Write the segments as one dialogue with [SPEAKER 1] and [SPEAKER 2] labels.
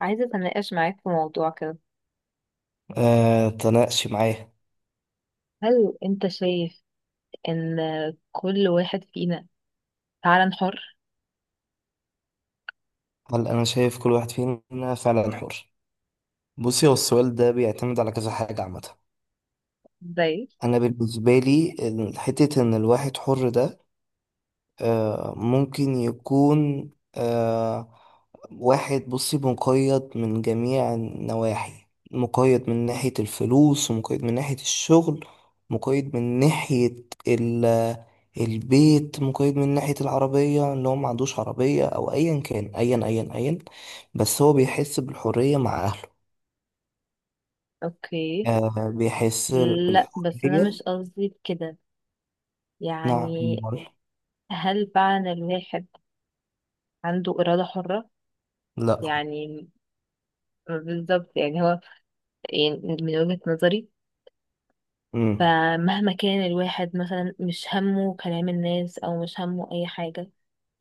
[SPEAKER 1] عايزة أتناقش معاك في موضوع كده.
[SPEAKER 2] آه، تناقشي معايا.
[SPEAKER 1] هل أنت شايف إن كل واحد فينا فعلا حر؟
[SPEAKER 2] هل أنا شايف كل واحد فينا فعلا حر؟ بصي، هو السؤال ده بيعتمد على كذا حاجة عامة.
[SPEAKER 1] زي
[SPEAKER 2] أنا بالنسبة لي حتة إن الواحد حر ده ممكن يكون واحد، بصي، مقيد من جميع النواحي. مقيد من ناحية الفلوس، ومقيد من ناحية الشغل، مقيد من ناحية ال البيت، مقيد من ناحية العربية اللي هو ما عندوش عربية، أو أيا كان أيا أيا أيا بس هو بيحس بالحرية مع أهله.
[SPEAKER 1] أوكي.
[SPEAKER 2] آه، بيحس
[SPEAKER 1] لا، بس أنا
[SPEAKER 2] بالحرية.
[SPEAKER 1] مش قصدي كده،
[SPEAKER 2] نعم،
[SPEAKER 1] يعني.
[SPEAKER 2] أمال؟
[SPEAKER 1] هل فعلا الواحد عنده إرادة حرة؟
[SPEAKER 2] لا.
[SPEAKER 1] يعني بالظبط، يعني هو، يعني من وجهة نظري،
[SPEAKER 2] امم
[SPEAKER 1] فمهما كان الواحد مثلا مش همه كلام الناس أو مش همه أي حاجة،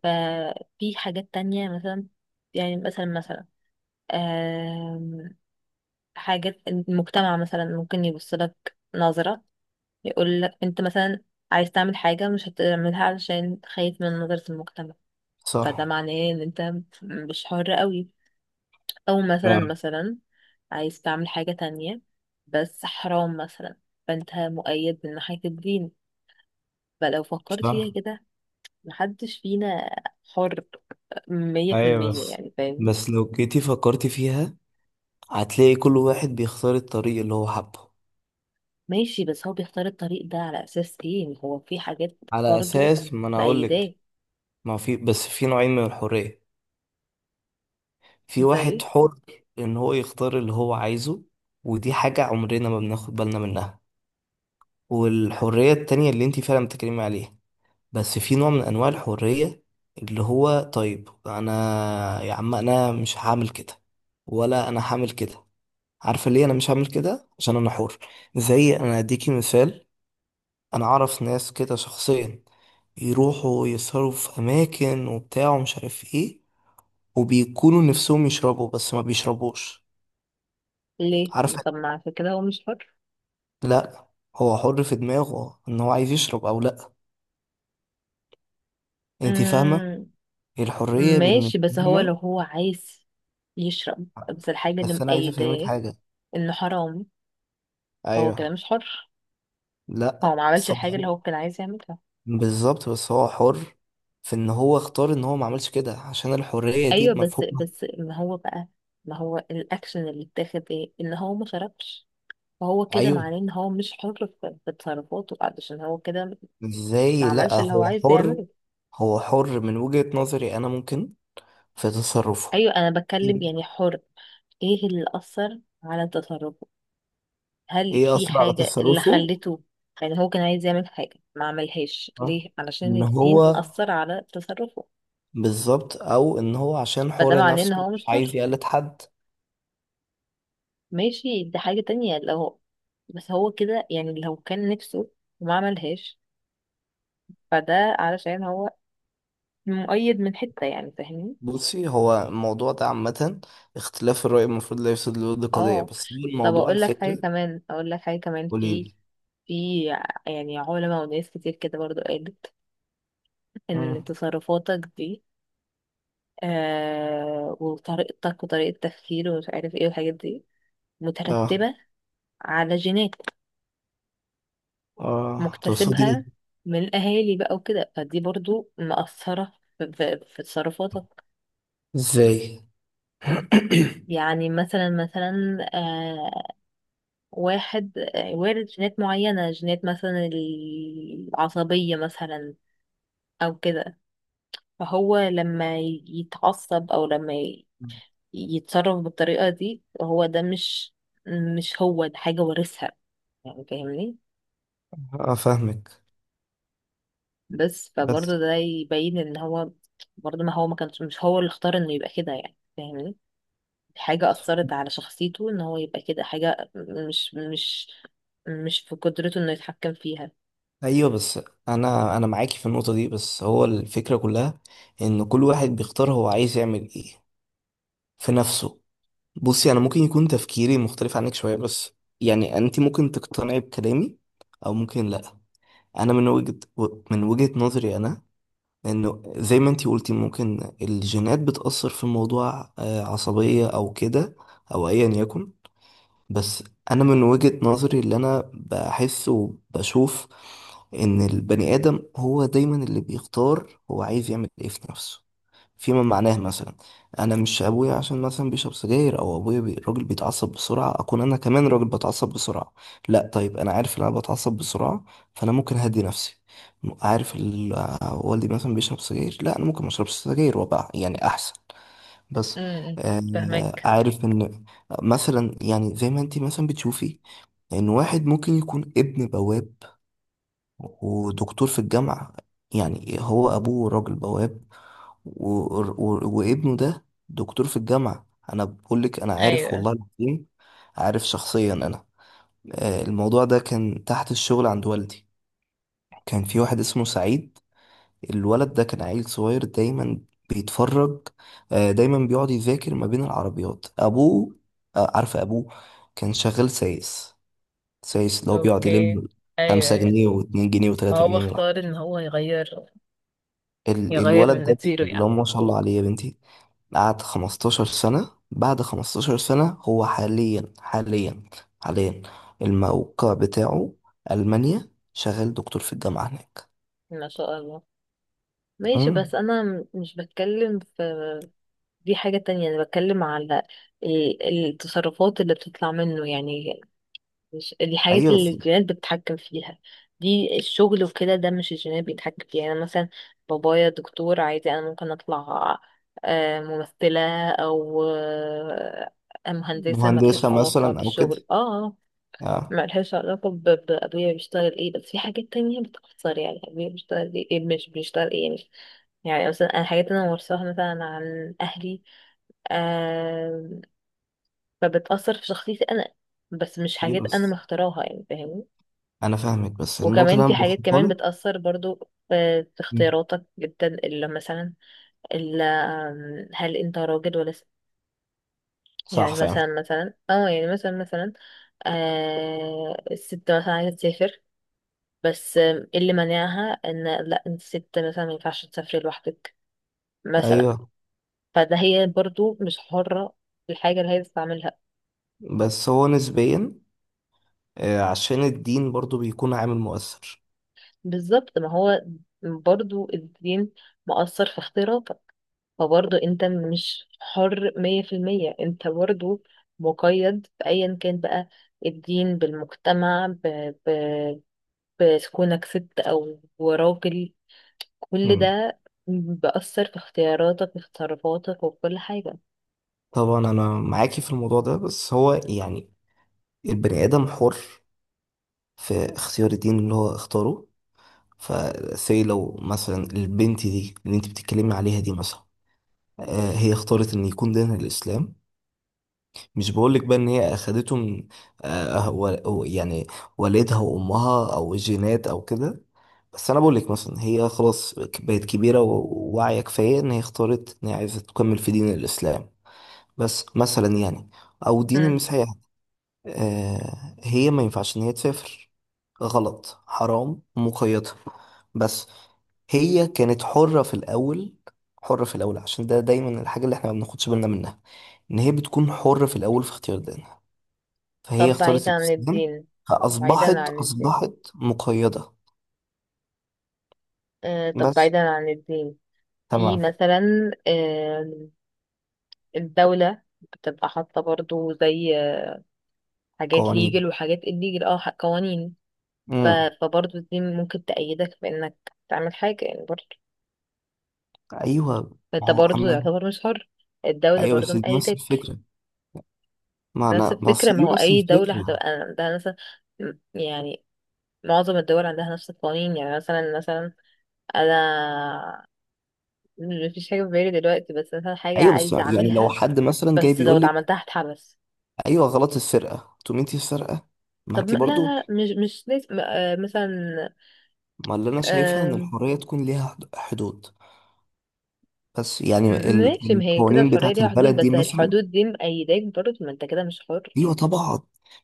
[SPEAKER 1] ففي حاجات تانية مثلا، يعني مثلا حاجات المجتمع مثلا ممكن يبص لك نظرة، يقول لك انت مثلا عايز تعمل حاجة مش هتعملها علشان خايف من نظرة المجتمع. فده
[SPEAKER 2] صح.
[SPEAKER 1] معناه ان انت مش حر قوي، او مثلا
[SPEAKER 2] آه،
[SPEAKER 1] مثلا عايز تعمل حاجة تانية بس حرام مثلا، فانت مؤيد من ناحية الدين. فلو فكرت
[SPEAKER 2] صح.
[SPEAKER 1] فيها كده، محدش فينا حر مية في
[SPEAKER 2] أيوة،
[SPEAKER 1] المية
[SPEAKER 2] بس
[SPEAKER 1] يعني فاهمني.
[SPEAKER 2] بس لو جيتي فكرتي فيها هتلاقي كل واحد بيختار الطريق اللي هو حبه.
[SPEAKER 1] ماشي، بس هو بيختار الطريق ده على أساس ايه؟ هو في حاجات
[SPEAKER 2] على
[SPEAKER 1] برضو
[SPEAKER 2] اساس ما انا اقول
[SPEAKER 1] مأيداه.
[SPEAKER 2] لك. ما في، بس في نوعين من الحرية. في واحد
[SPEAKER 1] زي
[SPEAKER 2] حر ان هو يختار اللي هو عايزه، ودي حاجة عمرنا ما بناخد بالنا منها. والحرية التانية اللي انت فعلا بتتكلمي عليها، بس في نوع من انواع الحرية اللي هو طيب، انا يا عم انا مش هعمل كده، ولا انا هعمل كده. عارفة ليه انا مش هعمل كده؟ عشان انا حر. زي انا هديكي مثال، انا اعرف ناس كده شخصيا، يروحوا يسهروا في اماكن وبتاع ومش عارف ايه، وبيكونوا نفسهم يشربوا بس ما بيشربوش.
[SPEAKER 1] ليه؟
[SPEAKER 2] عارف؟
[SPEAKER 1] طب ما عشان كده هو مش حر.
[SPEAKER 2] لا، هو حر في دماغه ان هو عايز يشرب او لا. انت فاهمه؟
[SPEAKER 1] امم.
[SPEAKER 2] الحريه بالنسبه
[SPEAKER 1] ماشي، بس هو
[SPEAKER 2] لنا.
[SPEAKER 1] لو هو عايز يشرب، بس الحاجة اللي
[SPEAKER 2] بس انا عايز افهمك
[SPEAKER 1] مقيداه
[SPEAKER 2] حاجه.
[SPEAKER 1] انه حرام، فهو كده
[SPEAKER 2] ايوه.
[SPEAKER 1] مش حر.
[SPEAKER 2] لا،
[SPEAKER 1] هو ما عملش
[SPEAKER 2] بس هو
[SPEAKER 1] الحاجة اللي
[SPEAKER 2] حر.
[SPEAKER 1] هو كان عايز يعملها.
[SPEAKER 2] بالظبط، بس هو حر في ان هو اختار ان هو ما عملش كده، عشان الحريه دي
[SPEAKER 1] ايوه، بس
[SPEAKER 2] بمفهومها.
[SPEAKER 1] ما هو بقى، ما هو الاكشن اللي اتاخد؟ ايه؟ ان هو ما شربش. فهو كده
[SPEAKER 2] ايوه،
[SPEAKER 1] معناه ان هو مش حر في تصرفاته علشان هو كده ما
[SPEAKER 2] ازاي؟ لا،
[SPEAKER 1] عملش اللي هو
[SPEAKER 2] هو
[SPEAKER 1] عايز
[SPEAKER 2] حر.
[SPEAKER 1] يعمله.
[SPEAKER 2] هو حر من وجهة نظري، انا ممكن، في تصرفه.
[SPEAKER 1] ايوه، انا بتكلم يعني حر. ايه اللي اثر على تصرفه؟ هل
[SPEAKER 2] ايه
[SPEAKER 1] في
[SPEAKER 2] اثر على
[SPEAKER 1] حاجة اللي
[SPEAKER 2] تصرفه؟
[SPEAKER 1] خلته، يعني هو كان عايز يعمل حاجة ما عملهاش
[SPEAKER 2] آه.
[SPEAKER 1] ليه؟ علشان
[SPEAKER 2] ان
[SPEAKER 1] الدين
[SPEAKER 2] هو،
[SPEAKER 1] أثر على تصرفه.
[SPEAKER 2] بالظبط، او ان هو عشان
[SPEAKER 1] فده
[SPEAKER 2] حر
[SPEAKER 1] معناه إن
[SPEAKER 2] نفسه
[SPEAKER 1] هو
[SPEAKER 2] مش
[SPEAKER 1] مش
[SPEAKER 2] عايز
[SPEAKER 1] حر.
[SPEAKER 2] يقلد حد.
[SPEAKER 1] ماشي، دي حاجة تانية لو، بس هو كده، يعني لو كان نفسه وما عملهاش، فده علشان هو مؤيد من حتة، يعني فاهمني.
[SPEAKER 2] بصي، هو الموضوع ده عامة اختلاف الرأي، المفروض لا يفسد للود قضية.
[SPEAKER 1] اه.
[SPEAKER 2] بس هو
[SPEAKER 1] طب
[SPEAKER 2] الموضوع
[SPEAKER 1] اقول لك حاجة
[SPEAKER 2] الفكرة.
[SPEAKER 1] كمان، اقول لك حاجة كمان. في،
[SPEAKER 2] قوليلي.
[SPEAKER 1] في، يعني علماء وناس كتير كده برضو قالت ان
[SPEAKER 2] مم.
[SPEAKER 1] تصرفاتك دي وطريقتك وطريقة تفكير ومش عارف ايه والحاجات دي
[SPEAKER 2] اه.
[SPEAKER 1] مترتبة على جينات
[SPEAKER 2] اه، تقصدي؟
[SPEAKER 1] مكتسبها من الأهالي بقى وكده، فدي برضو مأثرة في تصرفاتك.
[SPEAKER 2] ازاي؟
[SPEAKER 1] يعني مثلا واحد، وارد جينات معينة، جينات مثلا العصبية مثلا أو كده. فهو لما يتعصب أو يتصرف بالطريقة دي، هو ده مش هو ده، حاجة وارثها، يعني فاهمني.
[SPEAKER 2] اه، فاهمك
[SPEAKER 1] بس
[SPEAKER 2] بس.
[SPEAKER 1] فبرضه ده يبين ان هو برضه، ما هو ما كانش، مش هو اللي اختار انه يبقى كده، يعني فاهمني. حاجة أثرت على شخصيته ان هو يبقى كده، حاجة مش مش مش في قدرته انه يتحكم فيها.
[SPEAKER 2] ايوه، بس انا معاكي في النقطة دي، بس هو الفكرة كلها ان كل واحد بيختار هو عايز يعمل ايه في نفسه. بصي، انا ممكن يكون تفكيري مختلف عنك شويه، بس يعني انت ممكن تقتنعي بكلامي او ممكن لا. انا من وجهه من وجهه نظري انا، انه زي ما انت قلتي، ممكن الجينات بتاثر في موضوع عصبيه او كده، او ايا يكن. بس انا من وجهة نظري اللي انا بحس وبشوف، ان البني ادم هو دايما اللي بيختار هو عايز يعمل ايه في نفسه. فيما معناه، مثلا انا مش ابويا، عشان مثلا بيشرب سجاير او ابويا راجل بيتعصب بسرعه، اكون انا كمان راجل بتعصب بسرعه. لا، طيب، انا عارف ان انا بتعصب بسرعه، فانا ممكن اهدي نفسي. عارف والدي مثلا بيشرب سجاير، لا انا ممكن ما اشربش سجاير وابقى يعني احسن. بس
[SPEAKER 1] امم. فهمك.
[SPEAKER 2] عارف ان، مثلا يعني، زي ما انت مثلا بتشوفي ان واحد ممكن يكون ابن بواب ودكتور في الجامعة. يعني هو ابوه راجل بواب، و... وابنه ده دكتور في الجامعة. انا بقول لك، انا عارف
[SPEAKER 1] ايوه.
[SPEAKER 2] والله العظيم، عارف شخصيا انا. الموضوع ده كان تحت الشغل عند والدي. كان في واحد اسمه سعيد. الولد ده كان عيل صغير دايما بيتفرج. دايما بيقعد يذاكر ما بين العربيات ابوه. عارفه ابوه كان شغال سايس. سايس اللي هو بيقعد
[SPEAKER 1] اوكي.
[SPEAKER 2] يلم
[SPEAKER 1] ايوه،
[SPEAKER 2] خمسة
[SPEAKER 1] ايوه.
[SPEAKER 2] جنيه واتنين جنيه وتلاتة جنيه
[SPEAKER 1] هو
[SPEAKER 2] من الولد
[SPEAKER 1] يغير
[SPEAKER 2] ده
[SPEAKER 1] تيره
[SPEAKER 2] اللي هو
[SPEAKER 1] يعني.
[SPEAKER 2] ما شاء الله عليه يا بنتي، قعد 15 سنة. بعد 15 سنة هو حاليا، الموقع بتاعه ألمانيا، شغال دكتور في الجامعة هناك.
[SPEAKER 1] ما شاء الله. ماشي،
[SPEAKER 2] مم.
[SPEAKER 1] بس انا مش بتكلم في، دي حاجة تانية. انا بتكلم على ال- التصرفات اللي بتطلع منه، يعني مش دي حاجات
[SPEAKER 2] أيوة،
[SPEAKER 1] اللي الجينات بتتحكم فيها. دي الشغل وكده، ده مش الجينات بيتحكم فيها، يعني أنا مثلا بابايا دكتور عادي، انا ممكن اطلع ممثلة او مهندسة،
[SPEAKER 2] مهندسة
[SPEAKER 1] ملهاش علاقة
[SPEAKER 2] مثلا أو كده.
[SPEAKER 1] بالشغل. اه. آه،
[SPEAKER 2] اه.
[SPEAKER 1] ملهاش علاقة بأبويا بيشتغل ايه، بس في حاجات تانية بتأثر، يعني أبويا بيشتغل ايه إيه مش بيشتغل ايه يعني. يعني مثلا أنا حاجات أنا ورثاها مثلا عن أهلي، آه، فبتأثر في شخصيتي أنا، بس مش
[SPEAKER 2] ايه،
[SPEAKER 1] حاجات أنا
[SPEAKER 2] بس
[SPEAKER 1] مختاراها، يعني فاهمني.
[SPEAKER 2] انا فاهمك، بس النقطه
[SPEAKER 1] وكمان
[SPEAKER 2] اللي انا
[SPEAKER 1] في حاجات
[SPEAKER 2] بوصلها
[SPEAKER 1] كمان
[SPEAKER 2] لك.
[SPEAKER 1] بتأثر برضو في
[SPEAKER 2] مم.
[SPEAKER 1] اختياراتك جدا، اللي مثلا، اللي هل انت راجل ولا ست؟
[SPEAKER 2] صح
[SPEAKER 1] يعني
[SPEAKER 2] فعلا.
[SPEAKER 1] مثلا اه، يعني مثلا آه، الست مثلا عايزة تسافر، بس اللي منعها ان لا انت ست مثلا ما ينفعش تسافري لوحدك مثلا.
[SPEAKER 2] ايوه،
[SPEAKER 1] فده هي برضو مش حرة في الحاجة اللي هي بتستعملها.
[SPEAKER 2] بس هو نسبيا عشان الدين برضو بيكون عامل مؤثر.
[SPEAKER 1] بالظبط، ما هو برضو الدين مؤثر في اختياراتك. فبرضه انت مش حر 100%، انت برضه مقيد بأيا كان بقى، الدين، بالمجتمع، ب... بكونك ست أو راجل، كل
[SPEAKER 2] مم.
[SPEAKER 1] ده بأثر في اختياراتك وفي تصرفاتك وفي كل حاجة.
[SPEAKER 2] طبعا، انا معاكي في الموضوع ده، بس هو يعني البني ادم حر في اختيار الدين اللي هو اختاره. فسي لو مثلا البنت دي اللي انت بتتكلمي عليها دي مثلا هي اختارت ان يكون دينها الاسلام. مش بقولك بقى ان هي اخدته من يعني والدها وامها او الجينات او كده. بس انا بقولك مثلا، هي خلاص بقت كبيره وواعيه كفايه ان هي اختارت ان هي عايزه تكمل في دين الاسلام. بس مثلا يعني، او دين
[SPEAKER 1] مم.
[SPEAKER 2] المسيح. هي ما ينفعش ان هي تسافر، غلط، حرام، مقيدة. بس هي كانت حرة في الأول. حرة في الأول، عشان ده دايما الحاجة اللي احنا ما بناخدش بالنا منها، إن هي بتكون حرة في الأول في اختيار دينها. فهي
[SPEAKER 1] طب
[SPEAKER 2] اختارت
[SPEAKER 1] بعيدا عن
[SPEAKER 2] الإسلام،
[SPEAKER 1] الدين، بعيدا
[SPEAKER 2] فأصبحت
[SPEAKER 1] عن الدين،
[SPEAKER 2] أصبحت مقيدة.
[SPEAKER 1] آه، طب
[SPEAKER 2] بس.
[SPEAKER 1] بعيدا عن الدين، في
[SPEAKER 2] تمام.
[SPEAKER 1] مثلا آه الدولة بتبقى حاطة برضو زي حاجات
[SPEAKER 2] قوانين.
[SPEAKER 1] ليجل وحاجات الليجل، اه، قوانين. ف...
[SPEAKER 2] امم
[SPEAKER 1] فبرضه دي ممكن تأيدك بإنك تعمل حاجة، يعني برضه
[SPEAKER 2] أيوه. ما
[SPEAKER 1] فأنت
[SPEAKER 2] هو
[SPEAKER 1] برضه
[SPEAKER 2] أما
[SPEAKER 1] يعتبر مش حر. الدولة
[SPEAKER 2] أيوه،
[SPEAKER 1] برضه
[SPEAKER 2] بس دي نفس
[SPEAKER 1] مأيدك.
[SPEAKER 2] الفكرة. ما
[SPEAKER 1] نفس
[SPEAKER 2] أنا ما
[SPEAKER 1] الفكرة.
[SPEAKER 2] أصل
[SPEAKER 1] ما
[SPEAKER 2] دي
[SPEAKER 1] هو
[SPEAKER 2] نفس
[SPEAKER 1] أي دولة
[SPEAKER 2] الفكرة.
[SPEAKER 1] هتبقى عندها مثلا م- يعني معظم الدول عندها نفس القوانين، يعني مثلا أنا مفيش حاجة في بالي دلوقتي، بس مثلا حاجة
[SPEAKER 2] أيوه، بس
[SPEAKER 1] عايزة
[SPEAKER 2] يعني لو
[SPEAKER 1] أعملها،
[SPEAKER 2] حد مثلا جاي
[SPEAKER 1] بس لو
[SPEAKER 2] بيقول لك
[SPEAKER 1] اتعملتها هتحبس.
[SPEAKER 2] أيوه غلط، السرقة تقومي أنت السرقة. ما
[SPEAKER 1] طب
[SPEAKER 2] أنت
[SPEAKER 1] ما- لا
[SPEAKER 2] برضو.
[SPEAKER 1] لا مش لازم، مثلا،
[SPEAKER 2] ما اللي أنا شايفها إن
[SPEAKER 1] آه،
[SPEAKER 2] الحرية تكون ليها حدود. بس يعني
[SPEAKER 1] ماشي، ما هي كده
[SPEAKER 2] القوانين
[SPEAKER 1] الحرية
[SPEAKER 2] بتاعت
[SPEAKER 1] ليها حدود،
[SPEAKER 2] البلد دي
[SPEAKER 1] بس هي
[SPEAKER 2] مثلا.
[SPEAKER 1] الحدود دي مأيداك برضه، ما انت كده مش حر.
[SPEAKER 2] أيوه، طبعا.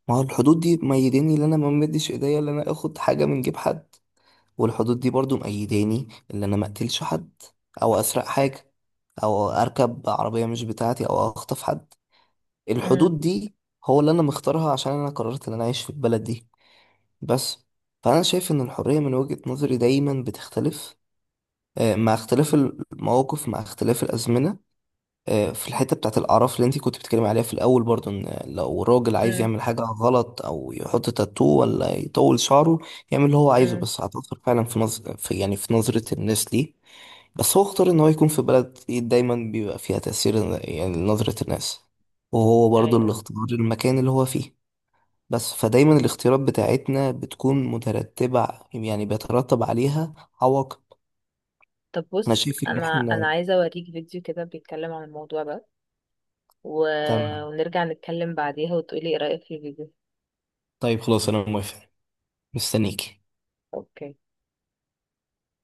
[SPEAKER 2] ما هو الحدود دي ميداني اللي أنا ما مديش إيديا، اللي أنا آخد حاجة من جيب حد. والحدود دي برضو مأيداني ان انا ما اقتلش حد، او اسرق حاجة، او اركب عربية مش بتاعتي، او اخطف حد. الحدود دي هو اللي انا مختارها، عشان انا قررت ان انا اعيش في البلد دي. بس. فانا شايف ان الحرية من وجهة نظري دايما بتختلف مع اختلاف المواقف، مع اختلاف الأزمنة. في الحتة بتاعت الأعراف اللي انتي كنت بتتكلمي عليها في الأول، برضو إن لو راجل عايز
[SPEAKER 1] مم.
[SPEAKER 2] يعمل حاجة غلط أو يحط تاتو ولا يطول شعره، يعمل اللي هو عايزه،
[SPEAKER 1] امم.
[SPEAKER 2] بس هتأثر فعلا في نظر في يعني في نظرة الناس ليه. بس هو اختار إن هو يكون في بلد إيه دايما بيبقى فيها تأثير، يعني نظرة الناس. وهو برضو اللي
[SPEAKER 1] ايوه.
[SPEAKER 2] اختار المكان اللي هو فيه. بس فدايما الاختيارات بتاعتنا بتكون مترتبة. يعني بيترتب عليها عواقب.
[SPEAKER 1] طب
[SPEAKER 2] أنا
[SPEAKER 1] بص،
[SPEAKER 2] شايف إن
[SPEAKER 1] انا
[SPEAKER 2] إحنا.
[SPEAKER 1] عايزه اوريك فيديو كده بيتكلم عن الموضوع ده و...
[SPEAKER 2] تمام.
[SPEAKER 1] ونرجع نتكلم بعديها وتقولي ايه رايك في الفيديو.
[SPEAKER 2] طيب، خلاص، أنا موافق. مستنيك.
[SPEAKER 1] اوكي.